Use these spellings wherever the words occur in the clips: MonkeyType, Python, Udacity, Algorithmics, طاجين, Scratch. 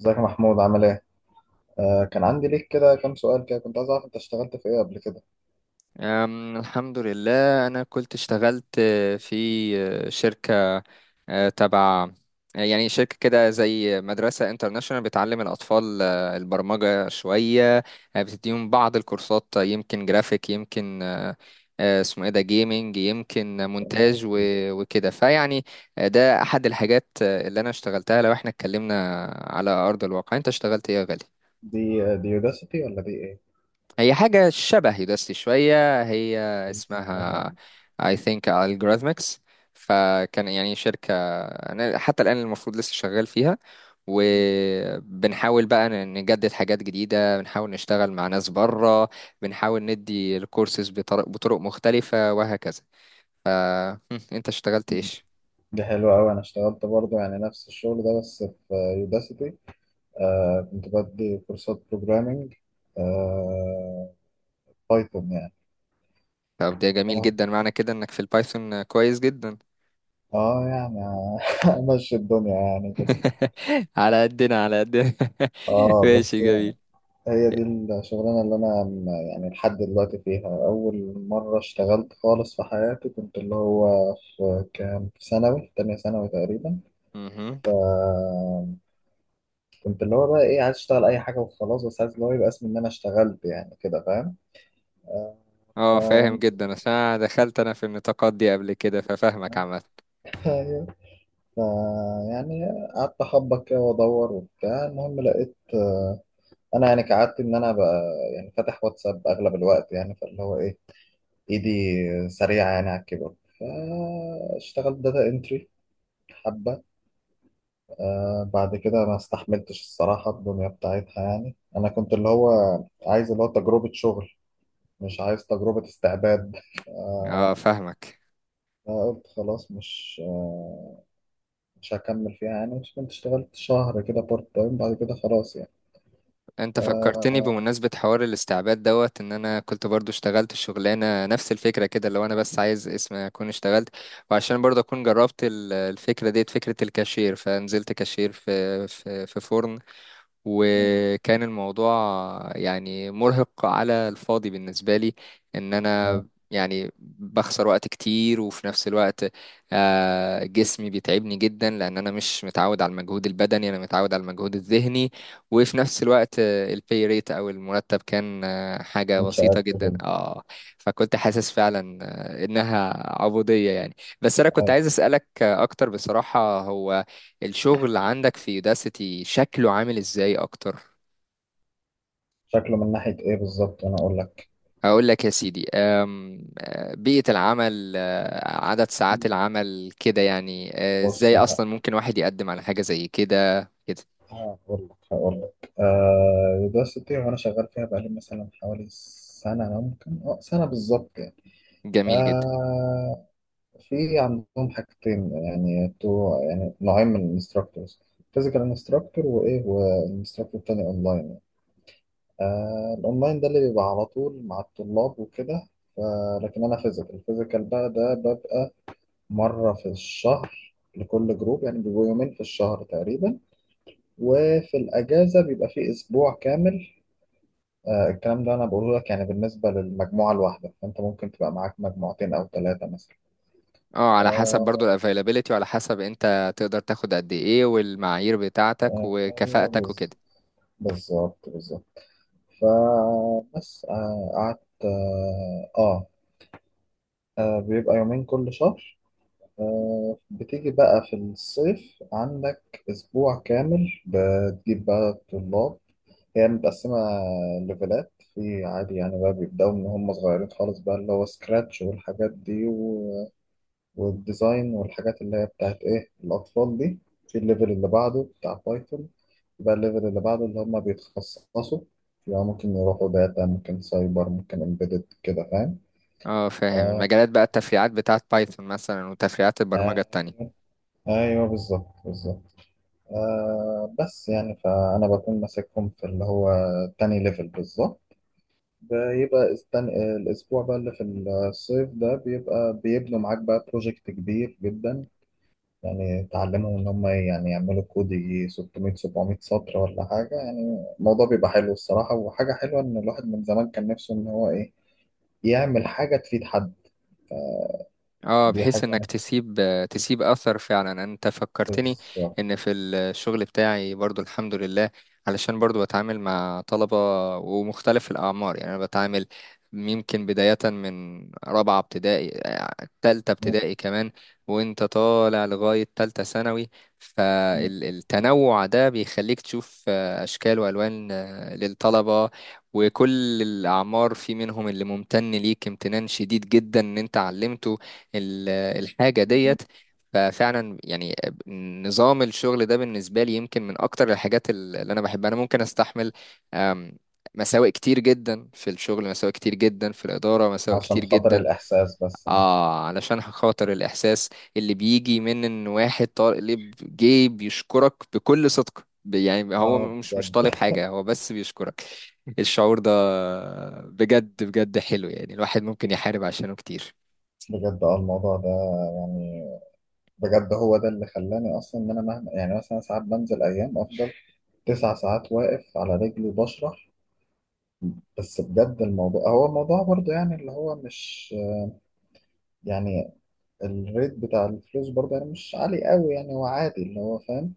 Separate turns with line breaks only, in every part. ازيك يا محمود، عامل ايه؟ كان عندي ليك كده كام سؤال، كده كنت عايز اعرف انت اشتغلت في ايه قبل كده؟
الحمد لله أنا كنت اشتغلت في شركة أه، تبع آه، يعني شركة كده زي مدرسة انترناشونال بتعلم الأطفال البرمجة شوية، بتديهم بعض الكورسات، يمكن جرافيك، يمكن أه، أه، اسمه ايه ده جيمنج، يمكن مونتاج وكده فيعني. ده أحد الحاجات اللي أنا اشتغلتها. لو احنا اتكلمنا على أرض الواقع، أنت اشتغلت ايه يا غالي؟
دي دي يوداسيتي ولا دي ايه؟
هي حاجة شبه يوداستي شوية، هي اسمها
اسمها
I think Algorithmics. فكان يعني شركة أنا حتى الآن المفروض لسه شغال فيها، وبنحاول بقى نجدد حاجات جديدة، بنحاول نشتغل مع ناس بره، بنحاول ندي الكورسز بطرق مختلفة وهكذا. ف أنت اشتغلت
إيه؟
إيش؟
دي حلوة أوي. أنا اشتغلت برضه، يعني نفس الشغل ده بس في يوداسيتي. كنت بدي كورسات بروجرامينج، آه بايثون يعني.
طب ده جميل
اه
جدا، معنى كده إنك في البايثون كويس جدا.
يعني أمشي الدنيا يعني كده.
على قدنا على قدنا.
اه
ماشي،
بس
جميل.
هي دي الشغلانة اللي أنا يعني لحد دلوقتي فيها، أول مرة اشتغلت خالص في حياتي. كنت اللي هو في كام، في ثانوي، في تانية ثانوي تقريبا.
مهم.
آه، كنت اللي هو بقى إيه، عايز أشتغل أي حاجة وخلاص، بس عايز اللي هو يبقى اسمي إن أنا اشتغلت، يعني كده فاهم. آه، ف
اه فاهم جدا، عشان أنا دخلت في النطاقات دي قبل كده، ففاهمك عامة.
ف- يعني قعدت أخبط كده وأدور وبتاع. المهم لقيت، أنا يعني كعادتي إن أنا بقى يعني فاتح واتساب أغلب الوقت، يعني فاللي هو إيه، ايدي سريعة يعني على الكيبورد، فاشتغلت داتا انتري حبة. بعد كده ما استحملتش الصراحة الدنيا بتاعتها، يعني انا كنت اللي هو عايز اللي هو تجربة شغل، مش عايز تجربة استعباد.
اه فاهمك.
فقلت خلاص، مش هكمل فيها. يعني مش كنت اشتغلت شهر كده بارت تايم، بعد كده خلاص يعني.
انت فكرتني
آه.
بمناسبة حوار الاستعباد دوت ان انا كنت برضو اشتغلت شغلانة نفس الفكرة كده، لو انا بس عايز اسم اكون اشتغلت، وعشان برضو اكون جربت الفكرة ديت، فكرة الكاشير، فنزلت كاشير في فرن.
آه.
وكان الموضوع يعني مرهق على الفاضي بالنسبة لي، ان
آه.
انا يعني بخسر وقت كتير، وفي نفس الوقت جسمي بيتعبني جدا لان انا مش متعود على المجهود البدني، انا متعود على المجهود الذهني. وفي نفس الوقت البي ريت او المرتب كان حاجة بسيطة
انشاءات
جدا
كده.
اه. فكنت حاسس فعلا انها عبودية يعني. بس انا كنت
أيوة.
عايز اسألك اكتر، بصراحة هو الشغل عندك في يوداسيتي شكله عامل ازاي اكتر؟
شكله من ناحية ايه بالظبط؟ انا اقول لك.
هقول لك يا سيدي، أم، أه، بيئة العمل، عدد ساعات العمل كده يعني،
بص،
ازاي اصلا ممكن واحد يقدم على حاجة زي كده كده.
هقول لك دلوقتي وانا شغال فيها بقالي مثلا حوالي سنة، ممكن سنة بالظبط يعني.
جميل جدا.
آه في عندهم حاجتين، يعني يعني نوعين من الانستراكتورز، فيزيكال انستراكتور، وايه، والانستراكتور التاني اونلاين. الاونلاين ده اللي بيبقى على طول مع الطلاب وكده. لكن انا فيزيكال، الفيزيكال بقى ده ببقى مرة في الشهر لكل جروب، يعني بيبقوا يومين في الشهر تقريبا، وفي الأجازة بيبقى فيه أسبوع كامل. الكلام ده انا بقوله لك يعني بالنسبه للمجموعه الواحده، فانت ممكن تبقى معاك مجموعتين او ثلاثه مثلا.
اه على حسب برضو
آه،
الافيلابيليتي، وعلى حسب انت تقدر تاخد قد ايه، والمعايير بتاعتك
ايوه،
وكفاءتك وكده.
بالظبط بالظبط. فبس، قعدت. بيبقى يومين كل شهر. بتيجي بقى في الصيف عندك اسبوع كامل، بتجيب بقى طلاب. هي متقسمة ليفلات، في عادي يعني بقى، بيبدأوا من هم صغيرين خالص، بقى اللي هو سكراتش والحاجات دي، والديزاين والحاجات اللي هي بتاعت ايه الاطفال دي. في الليفل اللي بعده بتاع بايثون. يبقى الليفل اللي بعده اللي هم بيتخصصوا، يبقى ممكن يروحوا داتا، ممكن سايبر، ممكن امبيدد، كده فاهم.
اه فاهم، المجالات بقى التفريعات بتاعت بايثون مثلا، وتفريعات البرمجة
آه.
التانية.
ايوه بالظبط بالظبط. بس يعني فانا بكون ماسكهم في اللي هو تاني ليفل بالظبط. بيبقى الاسبوع بقى اللي في الصيف ده بيبقى بيبنوا معاك بقى بروجكت كبير جدا. يعني تعلمهم إن هم يعني يعملوا كود يجي 600 700 سطر ولا حاجة. يعني الموضوع بيبقى حلو الصراحة، وحاجة حلوة إن الواحد من زمان كان نفسه إن هو إيه، يعمل حاجة تفيد حد.
اه
دي
بحيث انك
حاجة
تسيب اثر فعلا. انت فكرتني
نفس
ان في الشغل بتاعي برضو الحمد لله، علشان برضو بتعامل مع طلبة ومختلف الاعمار. يعني انا بتعامل يمكن بداية من رابعة ابتدائي، تالتة ابتدائي كمان، وانت طالع لغاية تالتة ثانوي. فالتنوع ده بيخليك تشوف اشكال والوان للطلبة وكل الأعمار. في منهم اللي ممتن ليك امتنان شديد جدا إن أنت علمته ال- الحاجة ديت. ففعلا يعني نظام الشغل ده بالنسبة لي يمكن من أكتر الحاجات اللي أنا بحبها. أنا ممكن أستحمل أم، مساوئ كتير جدا في الشغل، مساوئ كتير جدا في الإدارة، مساوئ
عشان
كتير
خاطر
جدا،
الإحساس بس ده.
آه علشان خاطر الإحساس اللي بيجي من إن واحد طالب اللي جاي بيشكرك بكل صدق. يعني هو مش
بجد
طالب حاجة، هو بس بيشكرك. الشعور ده بجد بجد حلو، يعني الواحد ممكن يحارب عشانه كتير.
بجد الموضوع ده يعني. بجد هو ده اللي خلاني أصلا، إن أنا مهما يعني مثلا ساعات بنزل أيام، أفضل 9 ساعات واقف على رجلي بشرح. بس بجد الموضوع هو الموضوع برضه، يعني اللي هو مش، يعني الريت بتاع الفلوس برضه يعني مش عالي قوي، يعني هو عادي اللي هو فاهم.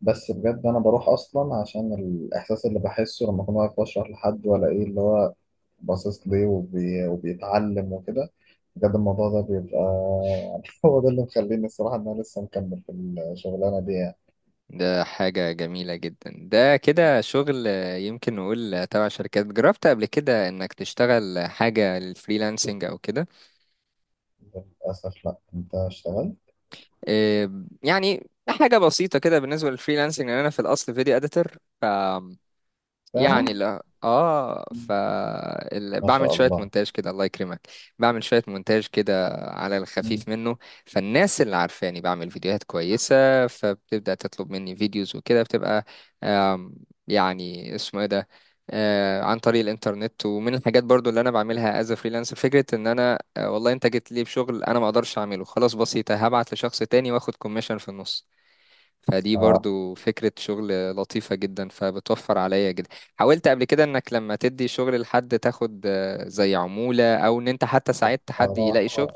بس بجد انا بروح اصلا عشان الاحساس اللي بحسه لما اكون واقف بشرح لحد، ولا ايه اللي هو باصص ليه، وبيتعلم وكده. بجد الموضوع ده بيبقى هو ده اللي مخليني الصراحة ان انا لسه مكمل في الشغلانة دي يعني.
ده حاجة جميلة جدا. ده كده شغل، يمكن نقول تبع شركات. جربت قبل كده انك تشتغل حاجة للفريلانسنج او كده؟
للأسف لا، انت اشتغلت.
يعني حاجة بسيطة كده بالنسبة للفريلانسنج، لأن انا في الاصل فيديو اديتور.
فعلا.
يعني لا اه.
ما
بعمل
شاء
شويه
الله.
مونتاج كده الله يكرمك، بعمل شويه مونتاج كده على
مم.
الخفيف منه. فالناس اللي عارفاني بعمل فيديوهات كويسه فبتبدا تطلب مني فيديوز وكده، بتبقى آم، يعني اسمه ايه ده، عن طريق الانترنت. ومن الحاجات برضو اللي انا بعملها از فريلانسر فكره ان انا والله انت جيت لي بشغل انا ما اقدرش اعمله، خلاص بسيطه، هبعت لشخص تاني واخد كوميشن في النص. فدي
آه.
برضو فكرة شغل لطيفة جدا، فبتوفر عليا جدا. حاولت قبل كده انك لما تدي شغل لحد تاخد زي عمولة، او ان انت حتى ساعدت حد
راح.
يلاقي شغل؟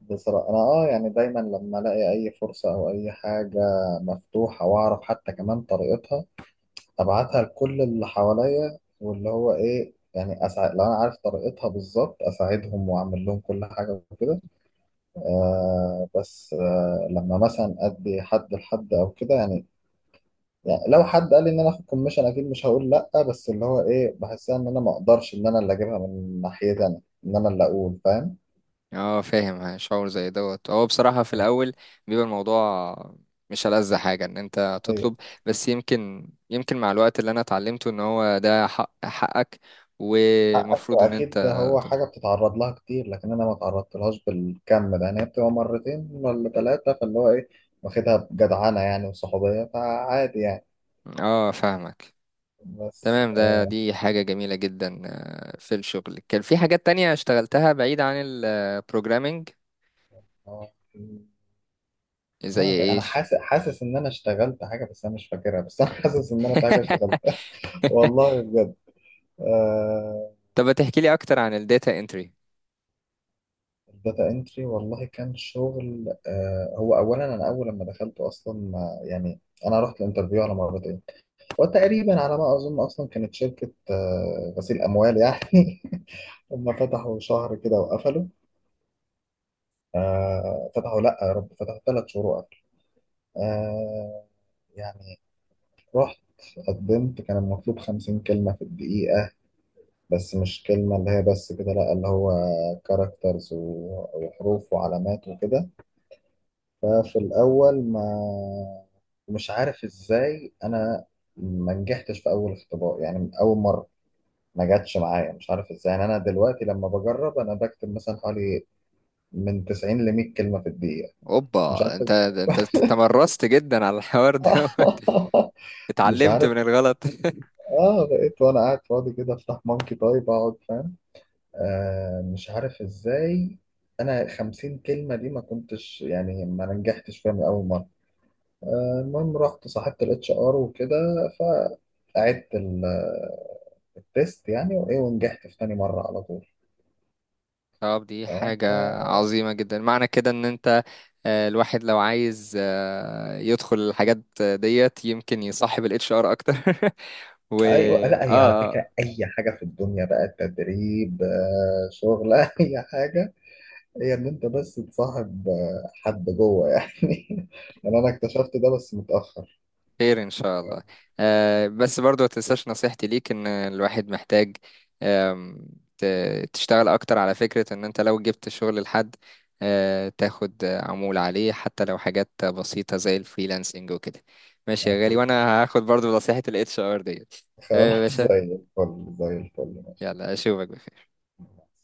بصراحة أنا يعني دايما لما ألاقي أي فرصة أو أي حاجة مفتوحة وأعرف حتى كمان طريقتها، أبعتها لكل اللي حواليا، واللي هو إيه يعني لو أنا عارف طريقتها بالظبط، أساعدهم وأعمل لهم كل حاجة وكده. بس لما مثلا أدي حد لحد أو كده يعني لو حد قال لي ان انا اخد كوميشن، اكيد مش هقول لا. بس اللي هو ايه، بحسها ان انا ما اقدرش ان انا اللي اجيبها من ناحيتي انا، ان انا اللي اقول فاهم.
اه فاهم شعور زي دوت. هو بصراحة في الاول بيبقى الموضوع مش ألذ حاجة ان انت تطلب، بس يمكن مع الوقت اللي انا اتعلمته ان هو ده حق، حقك،
حقك،
ومفروض ان انت
واكيد هو
تطلب.
حاجه بتتعرض لها كتير، لكن انا ما تعرضت لهاش بالكم ده. يعني هي بتبقى مرتين ولا ثلاثه، فاللي هو ايه، واخدها بجدعنه يعني وصحوبيه، فعادي يعني.
اه فاهمك.
بس
تمام، ده
آه.
دي حاجة جميلة جدا. في الشغل كان في حاجات تانية اشتغلتها بعيد عن البروجرامينج؟
آه، والله
زي
انا
ايش؟
حاسس حاسس ان انا اشتغلت حاجه، بس انا مش فاكرها، بس انا حاسس ان انا في حاجه اشتغلتها. والله بجد آه.
طب تحكي لي اكتر عن الداتا انتري.
الداتا انتري، والله كان شغل. هو اولا انا اول لما دخلته اصلا يعني، انا رحت الانترفيو على مرتين، وتقريبا على ما اظن اصلا كانت شركه غسيل اموال يعني. هم فتحوا شهر كده وقفلوا. فتحوا، لا يا رب! فتحوا 3 شهور وقفلوا. آه، يعني رحت قدمت، كان المطلوب 50 كلمة في الدقيقة. بس مش كلمة اللي هي بس كده، لا اللي هو كاركترز وحروف وعلامات وكده. ففي الأول ما، مش عارف ازاي أنا ما نجحتش في أول اختبار يعني من أول مرة. ما جاتش معايا، مش عارف ازاي. يعني انا دلوقتي لما بجرب، انا بكتب مثلا حوالي من 90 ل 100 كلمه في الدقيقه. مش عارف
اوبا، انت تمرست جدا على الحوار ده.
مش
اتعلمت
عارف.
من الغلط.
اه بقيت وانا قاعد فاضي كده، افتح مونكي تايب اقعد، فاهم. مش عارف ازاي، انا 50 كلمه دي ما كنتش يعني ما نجحتش فيها من اول مره. المهم رحت صاحبت الاتش ار وكده، فقعدت التيست يعني وايه، ونجحت في تاني مره على طول.
طب دي حاجة
آه
عظيمة جدا، معنى كده ان انت الواحد لو عايز يدخل الحاجات ديت يمكن يصاحب الاتش ار اكتر. و
ايوه
اه،
لا، هي على
آه.
فكره اي حاجه في الدنيا بقى تدريب، شغل اي حاجه. هي ان انت بس تصاحب حد جوه يعني يعني انا اكتشفت ده بس متاخر.
خير ان شاء الله. آه بس برضو ما تنساش نصيحتي ليك، ان الواحد محتاج آم، تشتغل اكتر على فكرة ان انت لو جبت شغل لحد آه تاخد عمولة عليه، حتى لو حاجات بسيطة زي الفريلانسنج وكده. ماشي يا غالي،
اكيد.
وانا هاخد برضو نصيحة الاتش ار ديت. تمام يا
خلاص
باشا،
زي الفل زي الفل.
يلا اشوفك بخير.
ماشي.